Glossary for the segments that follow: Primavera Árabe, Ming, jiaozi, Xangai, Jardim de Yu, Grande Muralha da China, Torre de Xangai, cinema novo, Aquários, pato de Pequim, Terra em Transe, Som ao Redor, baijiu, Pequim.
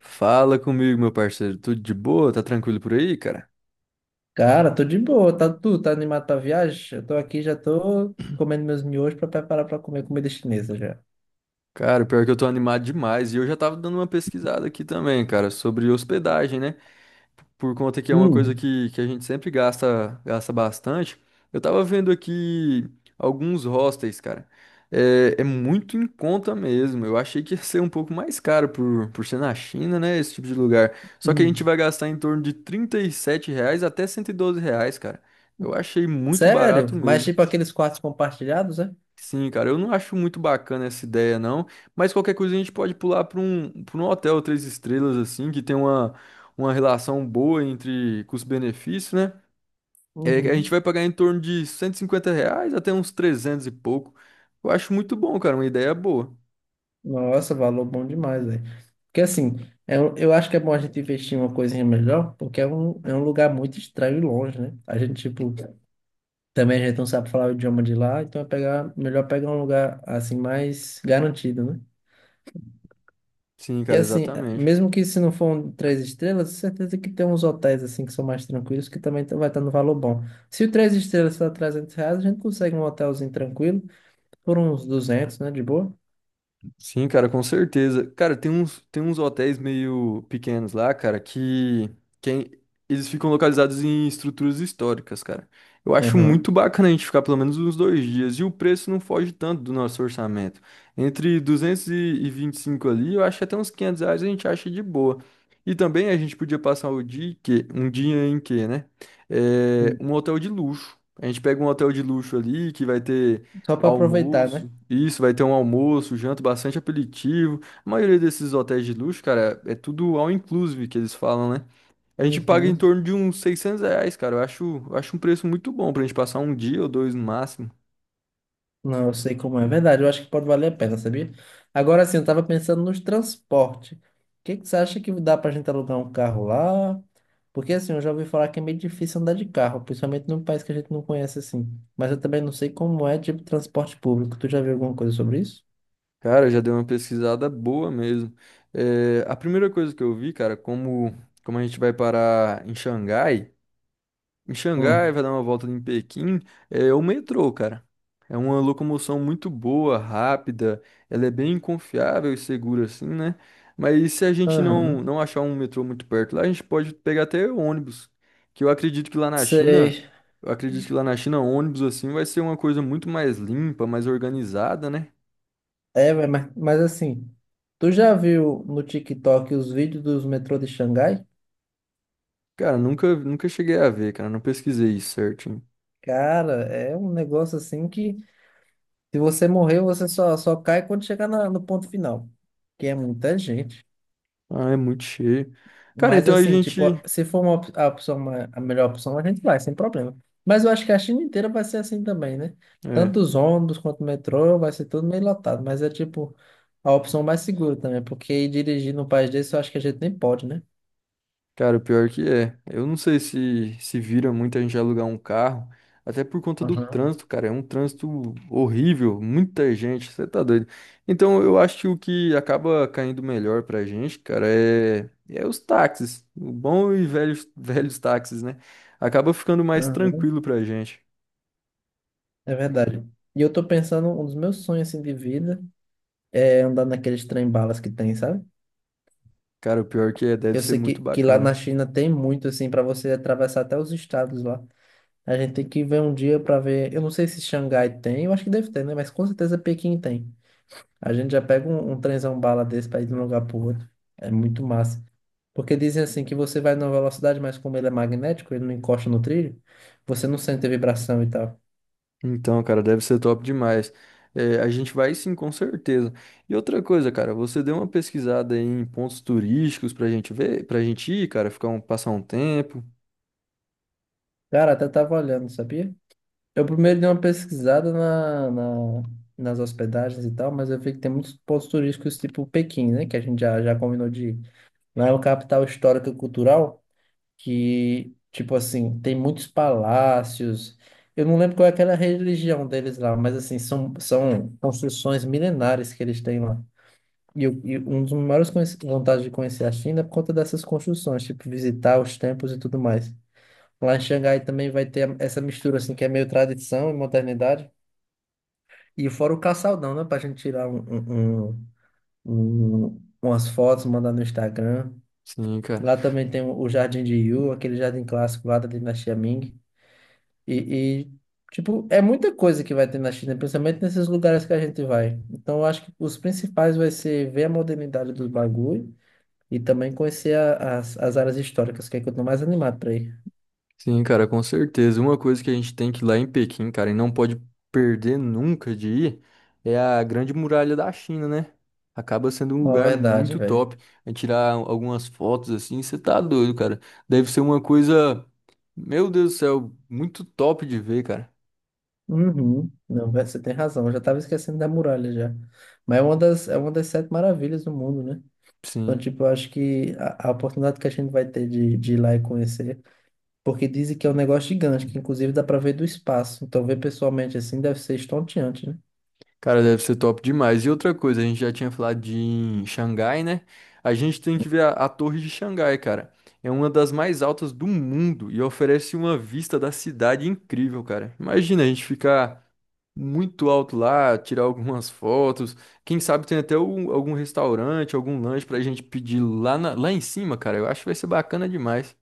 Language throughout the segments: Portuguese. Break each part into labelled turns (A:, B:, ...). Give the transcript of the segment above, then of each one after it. A: Fala comigo, meu parceiro. Tudo de boa? Tá tranquilo por aí, cara?
B: Cara, tô de boa, tá tu, tá animado pra viagem? Eu tô aqui, já tô comendo meus miojos pra preparar pra comer comida chinesa já.
A: Cara, pior que eu tô animado demais. E eu já tava dando uma pesquisada aqui também, cara, sobre hospedagem, né? Por conta que é uma coisa
B: Hum.
A: que a gente sempre gasta, gasta bastante. Eu tava vendo aqui alguns hostels, cara. É muito em conta mesmo. Eu achei que ia ser um pouco mais caro por ser na China, né? Esse tipo de lugar. Só que a gente
B: Hum.
A: vai gastar em torno de R$ 37 até R$ 112, cara. Eu achei muito barato
B: Sério? Mas
A: mesmo.
B: tipo aqueles quartos compartilhados, é?
A: Sim, cara, eu não acho muito bacana essa ideia, não. Mas qualquer coisa a gente pode pular para um hotel três estrelas, assim, que tem uma relação boa entre custo-benefício, né? É, que a gente
B: Uhum.
A: vai pagar em torno de R$ 150 até uns 300 e pouco. Eu acho muito bom, cara, uma ideia boa.
B: Nossa, valor bom demais, velho. Porque assim, eu acho que é bom a gente investir em uma coisinha melhor, porque é um lugar muito estranho e longe, né? A gente, tipo, também a gente não sabe falar o idioma de lá, então melhor pegar um lugar assim mais garantido, né?
A: Sim,
B: E
A: cara,
B: assim,
A: exatamente.
B: mesmo que se não for um três estrelas, certeza que tem uns hotéis assim que são mais tranquilos que também vai estar no valor bom. Se o três estrelas está R$ 300, a gente consegue um hotelzinho tranquilo por uns 200, né? De boa.
A: Sim, cara, com certeza. Cara, tem uns hotéis meio pequenos lá, cara, que é- eles ficam localizados em estruturas históricas, cara. Eu acho
B: Aham.
A: muito bacana a gente ficar pelo menos uns 2 dias. E o preço não foge tanto do nosso orçamento. Entre duzentos e vinte e cinco ali, eu acho que até uns R$ 500 a gente acha de boa. E também a gente podia passar o dia, em que, um dia em que, né? É, um hotel de luxo. A gente pega um hotel de luxo ali que vai ter.
B: Só para aproveitar, né?
A: Almoço. Isso, vai ter um almoço, janta, bastante aperitivo. A maioria desses hotéis de luxo, cara, é tudo all inclusive que eles falam, né? A gente paga em
B: Uhum.
A: torno de uns R$ 600, cara. Eu acho um preço muito bom pra gente passar um dia ou dois no máximo.
B: Não, eu sei como é. Verdade, eu acho que pode valer a pena, sabia? Agora sim, eu tava pensando nos transportes. O que que você acha que dá pra gente alugar um carro lá? Porque assim, eu já ouvi falar que é meio difícil andar de carro, principalmente num país que a gente não conhece assim. Mas eu também não sei como é tipo transporte público. Tu já viu alguma coisa sobre isso?
A: Cara, já deu uma pesquisada boa mesmo. É, a primeira coisa que eu vi, cara, como a gente vai parar em Xangai. Em Xangai,
B: Hum.
A: vai dar uma volta em Pequim, é o metrô, cara. É uma locomoção muito boa, rápida, ela é bem confiável e segura assim, né? Mas se a gente não,
B: Aham.
A: não achar um metrô muito perto lá, a gente pode pegar até ônibus, que
B: Sei.
A: eu acredito que lá na China ônibus assim vai ser uma coisa muito mais limpa, mais organizada, né?
B: É, mas, assim, tu já viu no TikTok os vídeos dos metrô de Xangai?
A: Cara, nunca cheguei a ver, cara, não pesquisei isso certinho.
B: Cara, é um negócio assim que, se você morrer, você só cai quando chegar no ponto final, que é muita gente.
A: Ah, é muito cheio. Cara,
B: Mas
A: então a
B: assim, tipo,
A: gente
B: se for a opção, a melhor opção, a gente vai, sem problema. Mas eu acho que a China inteira vai ser assim também, né? Tanto
A: é.
B: os ônibus quanto o metrô, vai ser tudo meio lotado. Mas é tipo a opção mais segura também, porque ir dirigir num país desse, eu acho que a gente nem pode, né?
A: Cara, o pior que é. Eu não sei se vira muita gente alugar um carro, até por conta do
B: Aham,
A: trânsito, cara. É um trânsito horrível, muita gente, você tá doido. Então, eu acho que o que acaba caindo melhor pra gente, cara, é os táxis. O bom e velho, velhos táxis, né? Acaba ficando mais
B: aham.
A: tranquilo pra gente.
B: É verdade. E eu tô pensando, um dos meus sonhos assim, de vida é andar naqueles trem-balas que tem, sabe?
A: Cara, o pior que é, deve
B: Eu
A: ser
B: sei que,
A: muito
B: que lá na
A: bacana.
B: China tem muito, assim, para você atravessar até os estados lá. A gente tem que ver um dia para ver. Eu não sei se Xangai tem, eu acho que deve ter, né? Mas com certeza Pequim tem. A gente já pega um trenzão bala desse para ir de um lugar pro outro. É muito massa. Porque dizem assim que você vai numa velocidade, mas como ele é magnético, ele não encosta no trilho, você não sente a vibração e tal.
A: Então, cara, deve ser top demais. É, a gente vai sim, com certeza. E outra coisa, cara, você deu uma pesquisada aí em pontos turísticos pra gente ver, pra gente ir, cara, passar um tempo.
B: Cara, até tava olhando, sabia? Eu primeiro dei uma pesquisada nas hospedagens e tal, mas eu vi que tem muitos pontos turísticos tipo Pequim, né? Que a gente já combinou de ir. Lá é uma capital histórica e cultural que, tipo assim, tem muitos palácios. Eu não lembro qual é aquela religião deles lá, mas assim, são construções milenares que eles têm lá. E um dos maiores vantagens de conhecer a China é por conta dessas construções, tipo, visitar os templos e tudo mais. Lá em Xangai também vai ter essa mistura, assim, que é meio tradição e modernidade. E fora o caçaldão, né? Pra gente tirar umas fotos, mandar no Instagram.
A: Sim, cara.
B: Lá também tem o Jardim de Yu, aquele jardim clássico lá da dinastia Ming. E, e, tipo, é muita coisa que vai ter na China, principalmente nesses lugares que a gente vai. Então, eu acho que os principais vai ser ver a modernidade do bagulho e também conhecer as áreas históricas, que é que eu tô mais animado pra ir.
A: Sim, cara, com certeza. Uma coisa que a gente tem que ir lá em Pequim, cara, e não pode perder nunca de ir, é a Grande Muralha da China, né? Acaba sendo um
B: Uma
A: lugar
B: verdade,
A: muito
B: velho.
A: top. É tirar algumas fotos assim, você tá doido, cara. Deve ser uma coisa, meu Deus do céu, muito top de ver, cara.
B: Uhum. Não, você tem razão. Eu já estava esquecendo da muralha já. Mas é uma das sete maravilhas do mundo, né? Então,
A: Sim,
B: tipo, eu acho que a oportunidade que a gente vai ter de ir lá e conhecer, porque dizem que é um negócio gigante, que inclusive dá para ver do espaço. Então, ver pessoalmente assim deve ser estonteante, né?
A: cara, deve ser top demais. E outra coisa, a gente já tinha falado de em Xangai, né? A gente tem que ver a Torre de Xangai, cara. É uma das mais altas do mundo e oferece uma vista da cidade incrível, cara. Imagina a gente ficar muito alto lá, tirar algumas fotos. Quem sabe tem até algum restaurante, algum lanche pra gente pedir lá, lá em cima, cara. Eu acho que vai ser bacana demais.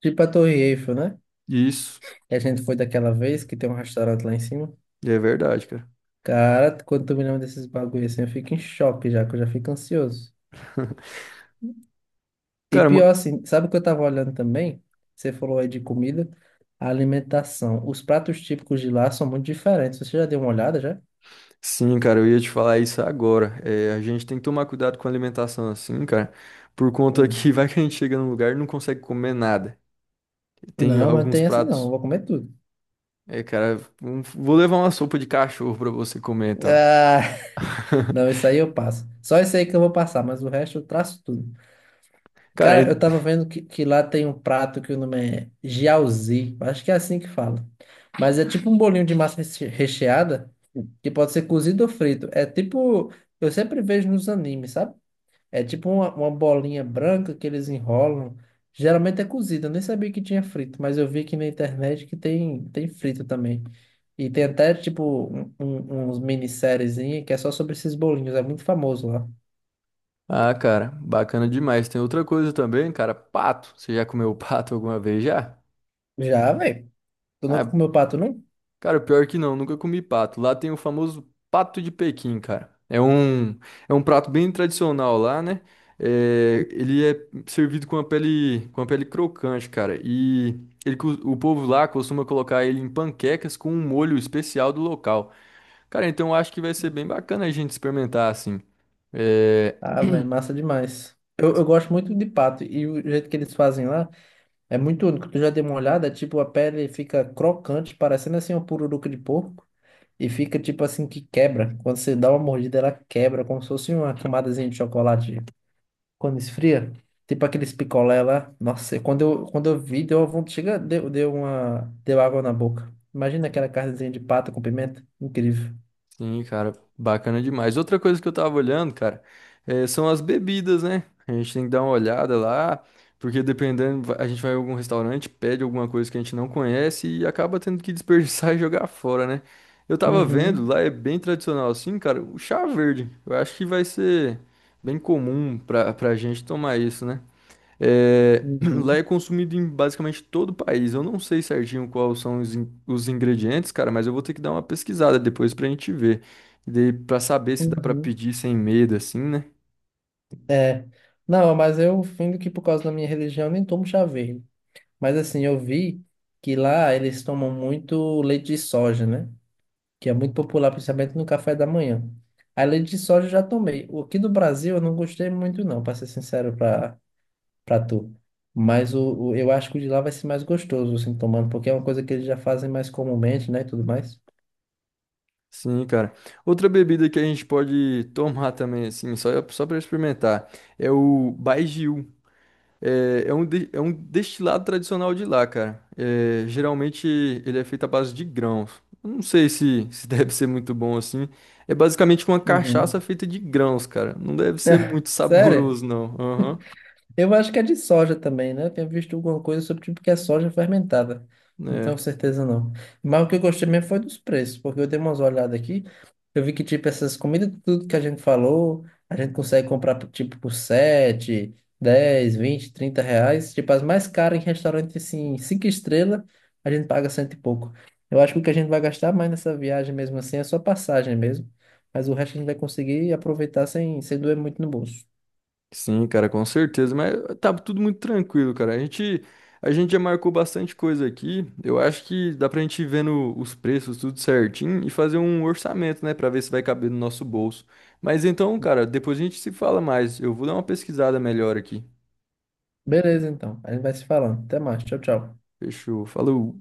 B: Tipo a Torre Eiffel, né?
A: Isso,
B: Que a gente foi daquela vez, que tem um restaurante lá em cima.
A: é verdade, cara.
B: Cara, quando tu me lembra desses bagulho assim, eu fico em choque já, que eu já fico ansioso. E
A: Cara,
B: pior assim, sabe o que eu tava olhando também? Você falou aí de comida, a alimentação. Os pratos típicos de lá são muito diferentes. Você já deu uma olhada já?
A: sim, cara, eu ia te falar isso agora. É, a gente tem que tomar cuidado com a alimentação assim, cara, por conta que
B: Hum.
A: vai que a gente chega num lugar e não consegue comer nada. Tem
B: Não, mas não
A: alguns
B: tem essa não. Eu
A: pratos.
B: vou comer tudo.
A: É, cara, vou levar uma sopa de cachorro pra você comer, então.
B: Ah, não, isso aí eu passo. Só isso aí que eu vou passar, mas o resto eu traço tudo.
A: Cara,
B: Cara, eu tava vendo que lá tem um prato que o nome é jiaozi. Acho que é assim que fala. Mas é tipo um bolinho de massa recheada que pode ser cozido ou frito. É tipo, eu sempre vejo nos animes, sabe? É tipo uma bolinha branca que eles enrolam. Geralmente é cozida, eu nem sabia que tinha frito, mas eu vi aqui na internet que tem frito também. E tem até, tipo, uns minisseriezinha que é só sobre esses bolinhos, é muito famoso lá.
A: ah, cara, bacana demais. Tem outra coisa também, cara, pato. Você já comeu pato alguma vez já?
B: Já, velho? Tu nunca
A: Ah,
B: comeu pato, não?
A: cara, pior que não, nunca comi pato. Lá tem o famoso pato de Pequim, cara. É um prato bem tradicional lá, né? É, ele é servido com a pele crocante, cara. E o povo lá costuma colocar ele em panquecas com um molho especial do local. Cara, então eu acho que vai ser bem bacana a gente experimentar assim. É,
B: Ah, velho, massa demais. Eu gosto muito de pato, e o jeito que eles fazem lá é muito único. Tu já deu uma olhada, tipo, a pele fica crocante, parecendo assim uma pururuca de porco. E fica tipo assim que quebra. Quando você dá uma mordida, ela quebra, como se fosse uma camadazinha de chocolate. Quando esfria, tipo aqueles picolé lá. Nossa, quando eu vi, deu uma vontade. Chega, deu uma. Deu água na boca. Imagina aquela carnezinha de pato com pimenta. Incrível.
A: sim, cara, bacana demais. Outra coisa que eu tava olhando, cara, são as bebidas, né? A gente tem que dar uma olhada lá, porque dependendo, a gente vai em algum restaurante, pede alguma coisa que a gente não conhece e acaba tendo que desperdiçar e jogar fora, né? Eu tava vendo,
B: Uhum,
A: lá é bem tradicional assim, cara, o chá verde. Eu acho que vai ser bem comum pra gente tomar isso, né? É, lá
B: uhum,
A: é consumido em basicamente todo o país. Eu não sei certinho quais são os ingredientes, cara, mas eu vou ter que dar uma pesquisada depois pra gente ver. E daí pra saber se dá pra
B: uhum.
A: pedir sem medo, assim, né?
B: É. Não, mas eu fingo que por causa da minha religião eu nem tomo chá verde. Mas assim, eu vi que lá eles tomam muito leite de soja, né? Que é muito popular, principalmente no café da manhã. A leite de soja eu já tomei. O aqui do Brasil eu não gostei muito, não, para ser sincero para tu. Mas eu acho que o de lá vai ser mais gostoso, assim, tomando, porque é uma coisa que eles já fazem mais comumente, né, e tudo mais.
A: Sim, cara. Outra bebida que a gente pode tomar também, assim, só para experimentar, é o baijiu. É um destilado tradicional de lá, cara. É, geralmente ele é feito à base de grãos. Eu não sei se deve ser muito bom assim. É basicamente uma cachaça
B: Uhum.
A: feita de grãos, cara. Não deve ser muito
B: Sério?
A: saboroso, não. Aham.
B: Eu acho que é de soja também, né? Eu tinha visto alguma coisa sobre tipo que é soja fermentada. Não
A: É.
B: tenho certeza não. Mas o que eu gostei mesmo foi dos preços, porque eu dei umas olhadas aqui. Eu vi que tipo essas comidas, tudo que a gente falou, a gente consegue comprar por, tipo por 7, 10, 20, 30 reais. Tipo as mais caras em restaurante assim, 5 estrelas, a gente paga cento e pouco. Eu acho que o que a gente vai gastar mais nessa viagem mesmo assim é só passagem mesmo. Mas o resto a gente vai conseguir aproveitar sem doer muito no bolso.
A: Sim, cara, com certeza, mas tá tudo muito tranquilo, cara. A gente já marcou bastante coisa aqui. Eu acho que dá pra gente ir vendo os preços tudo certinho e fazer um orçamento, né, pra ver se vai caber no nosso bolso. Mas então, cara, depois a gente se fala mais. Eu vou dar uma pesquisada melhor aqui.
B: Beleza, então. A gente vai se falando. Até mais. Tchau, tchau.
A: Fechou. Falou.